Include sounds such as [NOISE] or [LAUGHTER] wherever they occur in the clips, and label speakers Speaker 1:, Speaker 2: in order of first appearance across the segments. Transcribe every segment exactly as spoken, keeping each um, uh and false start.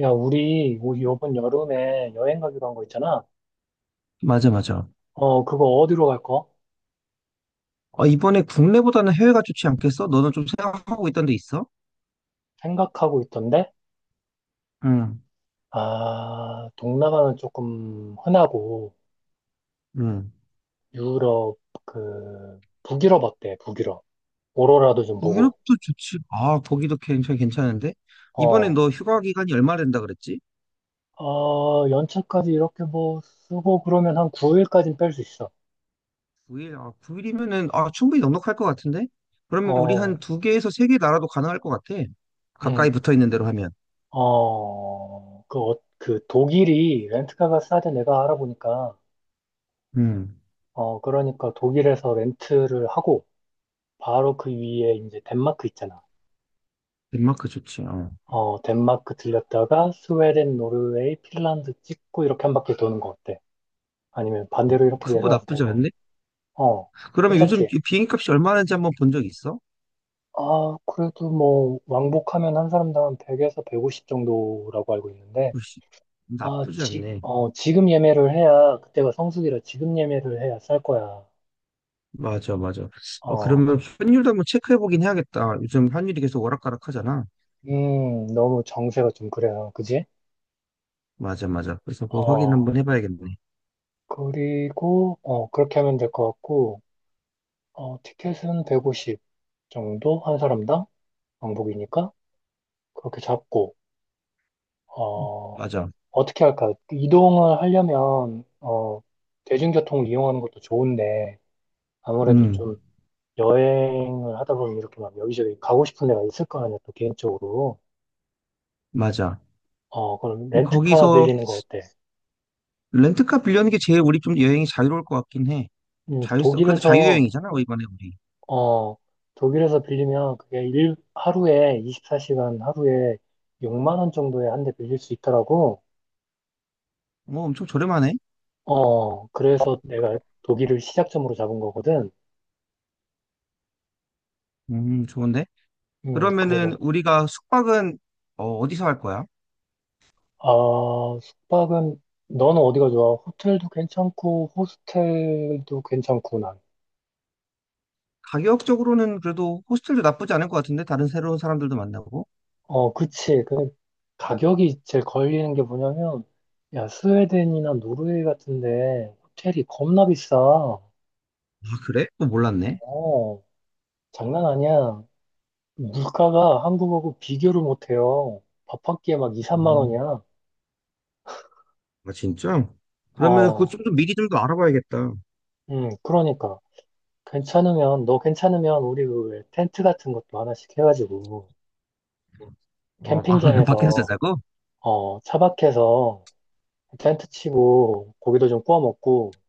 Speaker 1: 야, 우리 요- 요번 여름에 여행 가기로 한 거 있잖아.
Speaker 2: 맞아, 맞아.
Speaker 1: 어, 그거 어디로 갈 거?
Speaker 2: 어, 이번에 국내보다는 해외가 좋지 않겠어? 너는 좀 생각하고 있던 데 있어?
Speaker 1: 생각하고 있던데?
Speaker 2: 응,
Speaker 1: 아, 동남아는 조금 흔하고,
Speaker 2: 응.
Speaker 1: 유럽, 그, 북유럽 어때? 북유럽. 오로라도 좀
Speaker 2: 뭐
Speaker 1: 보고.
Speaker 2: 유럽도 좋지. 아, 거기도 굉장히 괜찮은데? 이번에
Speaker 1: 어,
Speaker 2: 너 휴가 기간이 얼마 된다 그랬지?
Speaker 1: 어, 연차까지 이렇게 뭐 쓰고 그러면 한 구 일까지는 뺄 수 있어.
Speaker 2: 구 일, 아, 구 일이면은, 아, 충분히 넉넉할 것 같은데? 그러면 우리 한
Speaker 1: 어,
Speaker 2: 두 개에서 세 개 나라도 가능할 것 같아.
Speaker 1: 응.
Speaker 2: 가까이 붙어 있는 대로 하면.
Speaker 1: 어, 그, 어, 그 독일이 렌트카가 싸대 내가 알아보니까.
Speaker 2: 음.
Speaker 1: 어, 그러니까 독일에서 렌트를 하고, 바로 그 위에 이제 덴마크 있잖아.
Speaker 2: 덴마크 좋지. 어.
Speaker 1: 어, 덴마크 들렸다가 스웨덴, 노르웨이, 핀란드 찍고 이렇게 한 바퀴 도는 거 어때? 아니면 반대로 이렇게
Speaker 2: 그거
Speaker 1: 내려와도
Speaker 2: 나쁘지
Speaker 1: 되고.
Speaker 2: 않네.
Speaker 1: 어,
Speaker 2: 그러면 요즘
Speaker 1: 괜찮지?
Speaker 2: 비행기 값이 얼마나 하는지 한번 본 적 있어?
Speaker 1: 아, 그래도 뭐 왕복하면 한 사람당 한 백에서 백오십 정도라고 알고 있는데.
Speaker 2: 글씨.
Speaker 1: 아,
Speaker 2: 나쁘지
Speaker 1: 지,
Speaker 2: 않네.
Speaker 1: 어, 지금 예매를 해야 그때가 성수기라 지금 예매를 해야 쌀 거야.
Speaker 2: 맞아, 맞아. 어,
Speaker 1: 어, 그-
Speaker 2: 그러면 환율도 한번 체크해 보긴 해야겠다. 요즘 환율이 계속 오락가락 하잖아.
Speaker 1: 음, 너무 정세가 좀 그래요. 그지?
Speaker 2: 맞아, 맞아. 그래서 그거 확인
Speaker 1: 어,
Speaker 2: 한번 해봐야겠네.
Speaker 1: 그리고 어, 그렇게 하면 될 것 같고. 어, 티켓은 백오십 정도 한 사람당 왕복이니까 그렇게 잡고. 어,
Speaker 2: 맞아.
Speaker 1: 어떻게 할까? 이동을 하려면 어, 대중교통을 이용하는 것도 좋은데 아무래도
Speaker 2: 음,
Speaker 1: 좀 여행을 하다 보면 이렇게 막 여기저기 가고 싶은 데가 있을 거 아니야, 또 개인적으로.
Speaker 2: 맞아.
Speaker 1: 어, 그럼
Speaker 2: 이-
Speaker 1: 렌트카
Speaker 2: 거기서
Speaker 1: 빌리는 거 어때?
Speaker 2: 렌트카 빌려는 게 제일 우리 좀 여행이 자유로울 것 같긴 해.
Speaker 1: 음,
Speaker 2: 자유성, 그래도
Speaker 1: 독일에서.
Speaker 2: 자유여행이잖아, 어, 이번에 우리.
Speaker 1: 어, 독일에서 빌리면 그게 일 하루에 이십사 시간 하루에 육만 원 정도에 한 대 빌릴 수 있더라고.
Speaker 2: 뭐 엄청 저렴하네.
Speaker 1: 어, 그래서 내가 독일을 시작점으로 잡은 거거든.
Speaker 2: 음, 좋은데?
Speaker 1: 음,
Speaker 2: 그러면은
Speaker 1: 그래서,
Speaker 2: 우리가 숙박은 어, 어디서 할 거야?
Speaker 1: 아, 숙박은, 너는 어디가 좋아? 호텔도 괜찮고, 호스텔도 괜찮고, 난.
Speaker 2: 가격적으로는 그래도 호스텔도 나쁘지 않을 것 같은데? 다른 새로운 사람들도 만나고.
Speaker 1: 어, 그치. 그, 가격이 제일 걸리는 게 뭐냐면, 야, 스웨덴이나 노르웨이 같은데, 호텔이 겁나 비싸. 어,
Speaker 2: 아, 그래? 또 몰랐네.
Speaker 1: 장난 아니야. 물가가 한국하고 비교를 못해요. 밥 한 끼에 막 이, 삼만
Speaker 2: 음.
Speaker 1: 원이야.
Speaker 2: 아, 진짜? 그러면 그거
Speaker 1: 어,
Speaker 2: 좀 더 미리 좀 더 알아봐야겠다.
Speaker 1: 음, 그러니까. 괜찮으면, 너 괜찮으면 우리 그왜 텐트 같은 것도 하나씩 해가지고
Speaker 2: 어, 아, [LAUGHS] 밖에서
Speaker 1: 캠핑장에서
Speaker 2: 자자고?
Speaker 1: 어, 차박해서 텐트 치고 고기도 좀 구워 먹고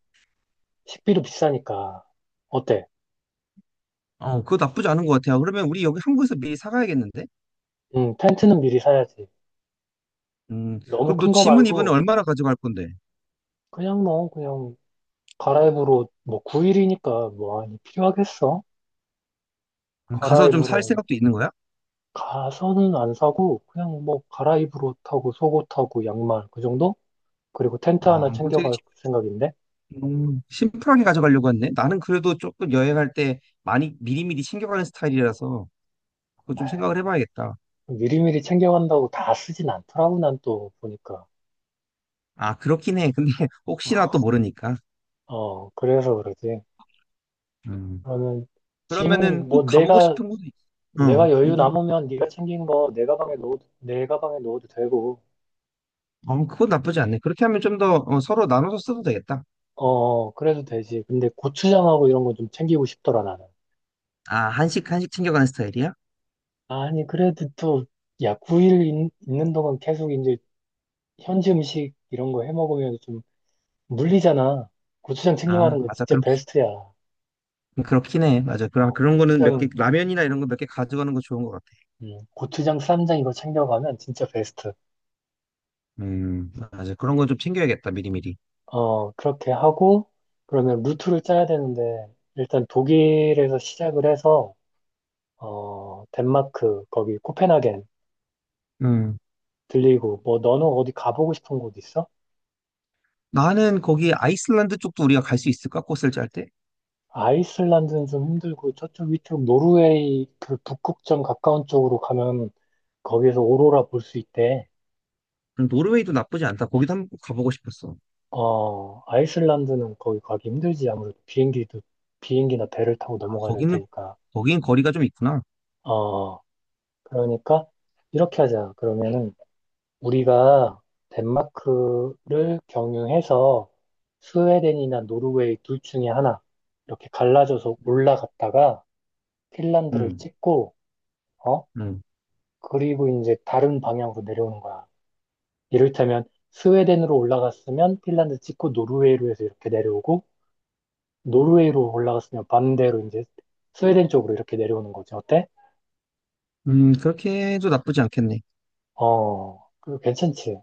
Speaker 1: 식비도 비싸니까 어때?
Speaker 2: 어, 그거 나쁘지 않은 것 같아요. 그러면 우리 여기 한국에서 미리 사가야겠는데?
Speaker 1: 응, 텐트는 미리 사야지.
Speaker 2: 음,
Speaker 1: 너무
Speaker 2: 그럼 너
Speaker 1: 큰 거
Speaker 2: 짐은 이번에
Speaker 1: 말고
Speaker 2: 얼마나 가져갈 건데?
Speaker 1: 그냥 뭐 그냥 갈아입으로 뭐 구 일이니까 뭐 많이 필요하겠어?
Speaker 2: 음, 가서 좀 살
Speaker 1: 갈아입으로
Speaker 2: 생각도 있는 거야?
Speaker 1: 가서는 안 사고 그냥 뭐 갈아입으로 타고 속옷 타고 양말 그 정도? 그리고
Speaker 2: 그
Speaker 1: 텐트 하나
Speaker 2: 뭐 되게
Speaker 1: 챙겨갈 생각인데.
Speaker 2: 심- 음, 심플하게 가져가려고 했네. 나는 그래도 조금 여행할 때 많이 미리미리 챙겨가는 스타일이라서 그거 좀 생각을 해봐야겠다.
Speaker 1: 미리미리 챙겨간다고 다 쓰진 않더라고, 난 또 보니까.
Speaker 2: 아, 그렇긴 해. 근데 [LAUGHS] 혹시나
Speaker 1: 아,
Speaker 2: 또 모르니까.
Speaker 1: 어, 어, 그래서 그러지.
Speaker 2: 음.
Speaker 1: 그러면
Speaker 2: 그러면은
Speaker 1: 짐은
Speaker 2: 꼭
Speaker 1: 뭐
Speaker 2: 가보고
Speaker 1: 내가,
Speaker 2: 싶은 곳이, 있어
Speaker 1: 내가
Speaker 2: 어,
Speaker 1: 여유
Speaker 2: 이게.
Speaker 1: 남으면 네가 챙긴 거 내 가방에 넣어도, 내 가방에 넣어도 되고.
Speaker 2: 어, 그건 나쁘지 않네. 그렇게 하면 좀더 어, 서로 나눠서 써도 되겠다.
Speaker 1: 어, 그래도 되지. 근데 고추장하고 이런 거 좀 챙기고 싶더라, 나는.
Speaker 2: 아, 한식, 한식 챙겨가는 스타일이야?
Speaker 1: 아니, 그래도 또, 야, 구 일 있, 는 동안 계속 이제 현지 음식 이런 거 해 먹으면 좀 물리잖아. 고추장
Speaker 2: 아,
Speaker 1: 챙겨가는 거
Speaker 2: 맞아.
Speaker 1: 진짜
Speaker 2: 그렇긴,
Speaker 1: 베스트야.
Speaker 2: 그렇긴 해. 맞아. 그럼
Speaker 1: 어,
Speaker 2: 그런 거는
Speaker 1: 고추장
Speaker 2: 몇 개,
Speaker 1: 은
Speaker 2: 라면이나 이런 거 몇 개 가져가는 거 좋은 것 같아.
Speaker 1: 음, 고추장, 쌈장 이거 챙겨가면 진짜 베스트.
Speaker 2: 음, 맞아. 그런 거 좀 챙겨야겠다, 미리미리.
Speaker 1: 어, 그렇게 하고, 그러면 루트를 짜야 되는데, 일단 독일에서 시작을 해서, 어, 덴마크, 거기 코펜하겐
Speaker 2: 음.
Speaker 1: 들리고, 뭐, 너는 어디 가보고 싶은 곳 있어?
Speaker 2: 나는 거기 아이슬란드 쪽도 우리가 갈 수 있을까? 꽃을 짤 때?
Speaker 1: 아이슬란드는 좀 힘들고, 저쪽 위쪽 노르웨이 그 북극점 가까운 쪽으로 가면 거기에서 오로라 볼 수 있대.
Speaker 2: 음, 노르웨이도 나쁘지 않다. 거기도 한번 가보고 싶었어.
Speaker 1: 어, 아이슬란드는 거기 가기 힘들지, 아무래도 비행기도, 비행기나 배를 타고
Speaker 2: 아,
Speaker 1: 넘어가야 될
Speaker 2: 거기는,
Speaker 1: 테니까.
Speaker 2: 거긴 거리가 좀 있구나.
Speaker 1: 어, 그러니까 이렇게 하자. 그러면은 우리가 덴마크를 경유해서 스웨덴이나 노르웨이 둘 중에 하나 이렇게 갈라져서 올라갔다가 핀란드를
Speaker 2: 음,
Speaker 1: 찍고 어?
Speaker 2: 음.
Speaker 1: 그리고 이제 다른 방향으로 내려오는 거야. 이를테면 스웨덴으로 올라갔으면 핀란드 찍고 노르웨이로 해서 이렇게 내려오고, 노르웨이로 올라갔으면 반대로 이제 스웨덴 쪽으로 이렇게 내려오는 거지. 어때?
Speaker 2: 음, 그렇게 해도 나쁘지 않겠네.
Speaker 1: 어, 그 괜찮지?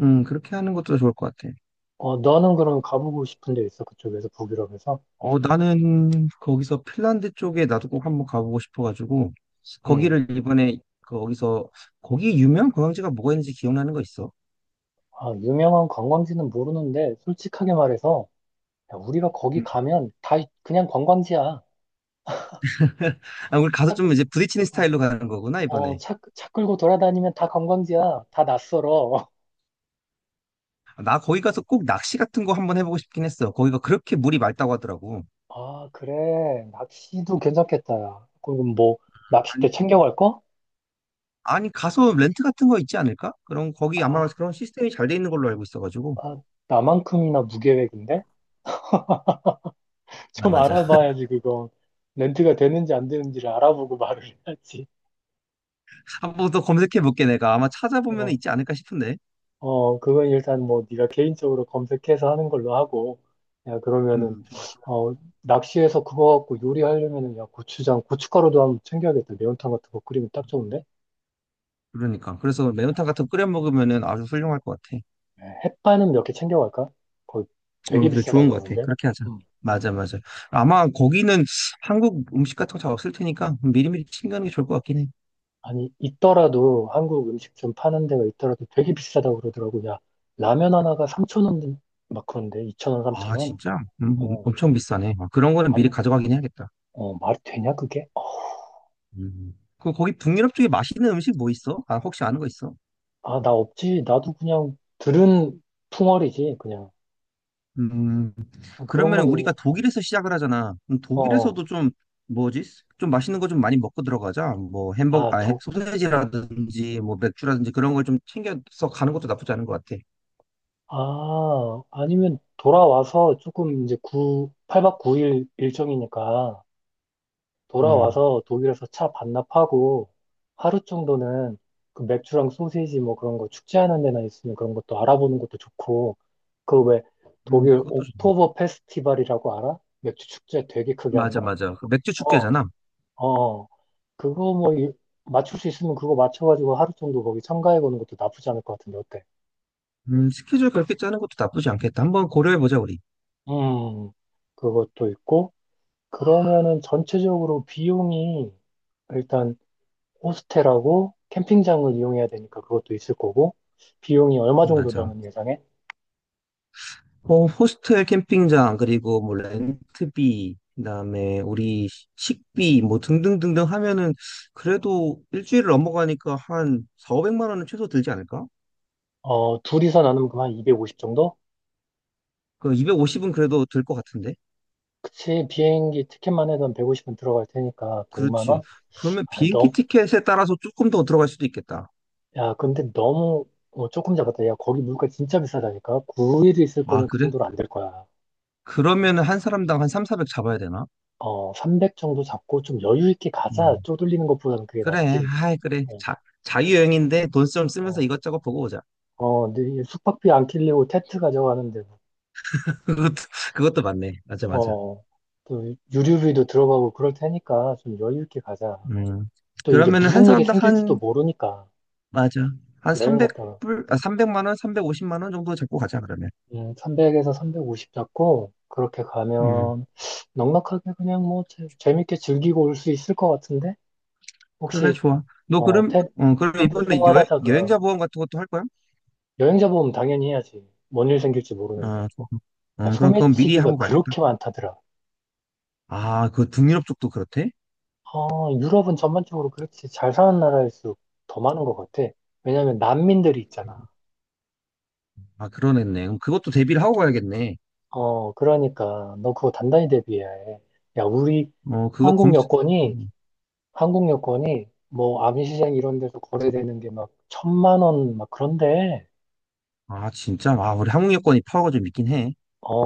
Speaker 2: 음, 그렇게 하는 것도 좋을 것 같아.
Speaker 1: 어, 너는 그럼 가보고 싶은 데 있어? 그쪽에서 북유럽에서?
Speaker 2: 어, 나는 거기서 핀란드 쪽에 나도 꼭 한번 가보고 싶어가지고,
Speaker 1: 응.
Speaker 2: 거기를 이번에 그 거기서, 거기 유명한 관광지가 뭐가 있는지 기억나는 거 있어?
Speaker 1: 아, 유명한 관광지는 모르는데 솔직하게 말해서 야, 우리가 거기
Speaker 2: 음.
Speaker 1: 가면 다 그냥 관광지야.
Speaker 2: [LAUGHS] 아, 우리 가서
Speaker 1: 차,
Speaker 2: 좀 이제 부딪히는
Speaker 1: 어,
Speaker 2: 스타일로 가는 거구나,
Speaker 1: 어,
Speaker 2: 이번에.
Speaker 1: 차, 차 끌고 돌아다니면 다 관광지야. 다 낯설어.
Speaker 2: 아, 나 거기 가서 꼭 낚시 같은 거 한번 해보고 싶긴 했어. 거기가 그렇게 물이 맑다고 하더라고.
Speaker 1: [LAUGHS] 아, 그래. 낚시도 괜찮겠다. 야. 그럼 뭐
Speaker 2: 아니,
Speaker 1: 낚싯대 챙겨갈 거?
Speaker 2: 아니, 가서 렌트 같은 거 있지 않을까? 그럼 거기 아마
Speaker 1: 아,
Speaker 2: 그런 시스템이 잘 돼 있는 걸로 알고 있어가지고.
Speaker 1: 아, 나만큼이나 무계획인데? [LAUGHS]
Speaker 2: 아,
Speaker 1: 좀
Speaker 2: 맞아.
Speaker 1: 알아봐야지 그거. 렌트가 되는지 안 되는지를 알아보고 말을 해야지.
Speaker 2: [LAUGHS] 한번 더 검색해볼게, 내가. 아마 찾아보면
Speaker 1: 어,
Speaker 2: 있지 않을까 싶은데.
Speaker 1: 어, 그건 일단 뭐 네가 개인적으로 검색해서 하는 걸로 하고, 야, 그러면은,
Speaker 2: 음.
Speaker 1: 어, 낚시해서 그거 갖고 요리하려면은, 야, 고추장, 고춧가루도 한번 챙겨야겠다. 매운탕 같은 거 끓이면 딱 좋은데?
Speaker 2: 그러니까. 그래서 매운탕 같은 거 끓여 먹으면은 아주 훌륭할 것 같아.
Speaker 1: 예, 햇반은 몇 개 챙겨갈까? 거의
Speaker 2: 어,
Speaker 1: 되게
Speaker 2: 그래,
Speaker 1: 비싸다
Speaker 2: 좋은 것 같아.
Speaker 1: 그러는데?
Speaker 2: 그렇게 하자.
Speaker 1: 음, 음.
Speaker 2: 맞아, 맞아. 아마 거기는 한국 음식 같은 거 잘 없을 테니까 미리미리 챙겨가는 게 좋을 것 같긴 해.
Speaker 1: 아니, 있더라도, 한국 음식 좀 파는 데가 있더라도 되게 비싸다 그러더라고. 야, 라면 하나가 삼천 원 막 그런데, 2천원3천
Speaker 2: 아,
Speaker 1: 원
Speaker 2: 진짜? 음, 엄-
Speaker 1: 어,
Speaker 2: 엄청 비싸네. 아, 그런 거는 미리
Speaker 1: 말이,
Speaker 2: 가져가긴 해야겠다.
Speaker 1: 어, 말이 되냐, 그게?
Speaker 2: 음. 그 거기 북유럽 쪽에 맛있는 음식 뭐 있어? 아, 혹시 아는 거 있어?
Speaker 1: 아, 나 없지. 나도 그냥 들은 풍월이지, 그냥.
Speaker 2: 음.
Speaker 1: 아, 그런
Speaker 2: 그러면
Speaker 1: 건.
Speaker 2: 우리가 독일에서 시작을 하잖아. 그럼
Speaker 1: 어, 어.
Speaker 2: 독일에서도 좀 뭐지? 좀 맛있는 거 좀 많이 먹고 들어가자. 뭐 햄버거,
Speaker 1: 아,
Speaker 2: 아, 해-
Speaker 1: 도,
Speaker 2: 소세지라든지 뭐 맥주라든지 그런 걸 좀 챙겨서 가는 것도 나쁘지 않은 것 같아.
Speaker 1: 아, 아니면 돌아와서 조금 이제 구 팔 박 구 일 일정이니까
Speaker 2: 음,
Speaker 1: 돌아와서 독일에서 차 반납하고 하루 정도는 그 맥주랑 소세지 뭐 그런 거 축제하는 데나 있으면 그런 것도 알아보는 것도 좋고 그 왜
Speaker 2: 음,
Speaker 1: 독일
Speaker 2: 그것도 좋네.
Speaker 1: 옥토버 페스티벌이라고 알아? 맥주 축제 되게 크게 하는
Speaker 2: 맞아,
Speaker 1: 거?
Speaker 2: 맞아. 그 맥주
Speaker 1: 어,
Speaker 2: 축제잖아.
Speaker 1: 어. 어. 그거 뭐 일- 맞출 수 있으면 그거 맞춰가지고 하루 정도 거기 참가해보는 것도 나쁘지 않을 것 같은데 어때?
Speaker 2: 음, 스케줄 그렇게 짜는 것도 나쁘지 않겠다. 한번 고려해 보자, 우리.
Speaker 1: 음, 그것도 있고 그러면은 전체적으로 비용이 일단 호스텔하고 캠핑장을 이용해야 되니까 그것도 있을 거고 비용이 얼마 정도
Speaker 2: 맞아.
Speaker 1: 너는 예상해?
Speaker 2: 어, 호스텔 캠핑장, 그리고 뭐 렌트비, 그다음에 우리 식비, 뭐 등등등등 하면은 그래도 일주일을 넘어가니까 한 사백, 오영 영만 원은 최소 들지 않을까?
Speaker 1: 어, 둘이서 나누면 그만 이백오십 정도?
Speaker 2: 그 이백오십은 그래도 들 것 같은데?
Speaker 1: 그치, 비행기 티켓만 해도 한 백오십은 들어갈 테니까 백만
Speaker 2: 그렇지.
Speaker 1: 원?
Speaker 2: 그러면
Speaker 1: 아,
Speaker 2: 비행기
Speaker 1: 너무,
Speaker 2: 티켓에 따라서 조금 더 들어갈 수도 있겠다.
Speaker 1: 야, 근데 너무 어, 조금 잡았다. 야, 거기 물가 진짜 비싸다니까. 구 일 있을
Speaker 2: 아,
Speaker 1: 거면 그
Speaker 2: 그래?
Speaker 1: 정도로 안 될 거야.
Speaker 2: 그러면은 한 사람당 한 삼백, 사백 잡아야 되나?
Speaker 1: 어, 삼백 정도 잡고 좀 여유 있게 가자.
Speaker 2: 음.
Speaker 1: 쪼들리는 것보다는 그게
Speaker 2: 그래,
Speaker 1: 낫지.
Speaker 2: 아이, 그래.
Speaker 1: 어,
Speaker 2: 자, 자유여행인데 돈 좀 쓰면서
Speaker 1: 어,
Speaker 2: 이것저것 보고 오자.
Speaker 1: 어, 근데 이게 숙박비 안 kil리고 텐트 가져가는데, 뭐.
Speaker 2: [LAUGHS] 그것도, 그것도 맞네. 맞아, 맞아.
Speaker 1: 어, 또 유류비도 들어가고 그럴 테니까 좀 여유 있게 가자.
Speaker 2: 음.
Speaker 1: 또 이제
Speaker 2: 그러면은 한
Speaker 1: 무슨 일이
Speaker 2: 사람당
Speaker 1: 생길지도
Speaker 2: 한
Speaker 1: 모르니까
Speaker 2: 맞아. 한
Speaker 1: 여행 갔다가,
Speaker 2: 삼백 불, 아, 삼백만 원, 삼백오십만 원 정도 잡고 가자, 그러면.
Speaker 1: 음, 삼백에서 삼백오십 잡고 그렇게
Speaker 2: 음.
Speaker 1: 가면 넉넉하게 그냥 뭐 재, 재밌게 즐기고 올 수 있을 것 같은데?
Speaker 2: 그래,
Speaker 1: 혹시,
Speaker 2: 좋아. 너
Speaker 1: 어,
Speaker 2: 그럼,
Speaker 1: 텐,
Speaker 2: 어, 그럼
Speaker 1: 텐트
Speaker 2: 이번에 여, 여행자
Speaker 1: 생활하다가
Speaker 2: 보험 같은 것도 할 거야?
Speaker 1: 여행자 보험 당연히 해야지. 뭔 일 생길지 모르는데.
Speaker 2: 아, 좋아.
Speaker 1: 야,
Speaker 2: 어, 그럼 그건 미리
Speaker 1: 소매치기가
Speaker 2: 하고 가야겠다.
Speaker 1: 그렇게 많다더라.
Speaker 2: 아, 그 등유럽 쪽도 그렇대?
Speaker 1: 아, 유럽은 전반적으로 그렇지. 잘 사는 나라일수록 더 많은 것 같아. 왜냐면 난민들이 있잖아.
Speaker 2: 아, 그러겠네. 그럼 그것도 대비를 하고 가야겠네.
Speaker 1: 어, 그러니까 너 그거 단단히 대비해야 해. 야, 우리
Speaker 2: 어, 그거
Speaker 1: 한국
Speaker 2: 검수,
Speaker 1: 여권이,
Speaker 2: 음.
Speaker 1: 한국 여권이 뭐 암시장 이런 데서 거래되는 게 막 천만 원 막 그런데,
Speaker 2: 아, 진짜? 아, 우리 항공 여권이 파워가 좀 있긴 해.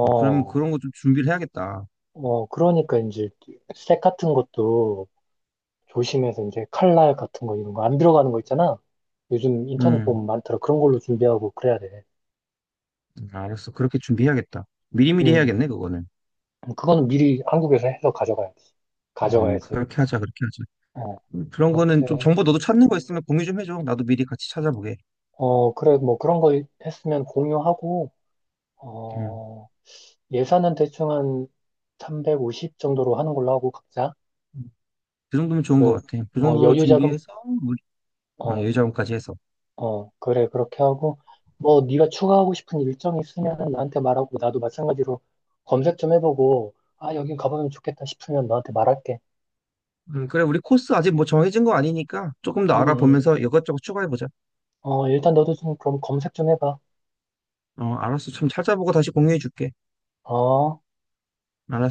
Speaker 2: 어, 그럼 그런 거 좀 준비를 해야겠다.
Speaker 1: 어, 그러니까 이제 색 같은 것도 조심해서 이제 칼날 같은 거 이런 거 안 들어가는 거 있잖아. 요즘 인터넷
Speaker 2: 음,
Speaker 1: 보면 많더라. 그런 걸로 준비하고 그래야 돼.
Speaker 2: 알았어. 그렇게 준비해야겠다. 미리미리
Speaker 1: 음,
Speaker 2: 해야겠네, 그거는.
Speaker 1: 그건 미리 한국에서 해서 가져가야지.
Speaker 2: 음,
Speaker 1: 가져가야지.
Speaker 2: 그렇게 하자, 그렇게 하자.
Speaker 1: 어,
Speaker 2: 음, 그런 거는 좀
Speaker 1: 그렇게.
Speaker 2: 정보 너도 찾는 거 있으면 공유 좀 해줘. 나도 미리 같이 찾아보게.
Speaker 1: 어, 그래, 뭐 그런 거 했으면 공유하고,
Speaker 2: 음.
Speaker 1: 어, 예산은 대충 한 삼백오십 정도로 하는 걸로 하고, 각자.
Speaker 2: 그 정도면 좋은 것
Speaker 1: 그,
Speaker 2: 같아. 그
Speaker 1: 어,
Speaker 2: 정도
Speaker 1: 여유 자금.
Speaker 2: 준비해서 우리 아,
Speaker 1: 어,
Speaker 2: 여유자원까지 해서.
Speaker 1: 어, 그래, 그렇게 하고, 뭐 네가 추가하고 싶은 일정이 있으면 나한테 말하고, 나도 마찬가지로 검색 좀 해보고, 아, 여긴 가보면 좋겠다 싶으면 너한테 말할게.
Speaker 2: 음, 그래 우리 코스 아직 뭐 정해진 거 아니니까 조금 더
Speaker 1: 음, 음.
Speaker 2: 알아보면서 이것저것 추가해보자.
Speaker 1: 어, 일단 너도 좀 그럼 검색 좀 해봐.
Speaker 2: 어, 알았어. 좀 찾아보고 다시 공유해줄게.
Speaker 1: 어.
Speaker 2: 알았어.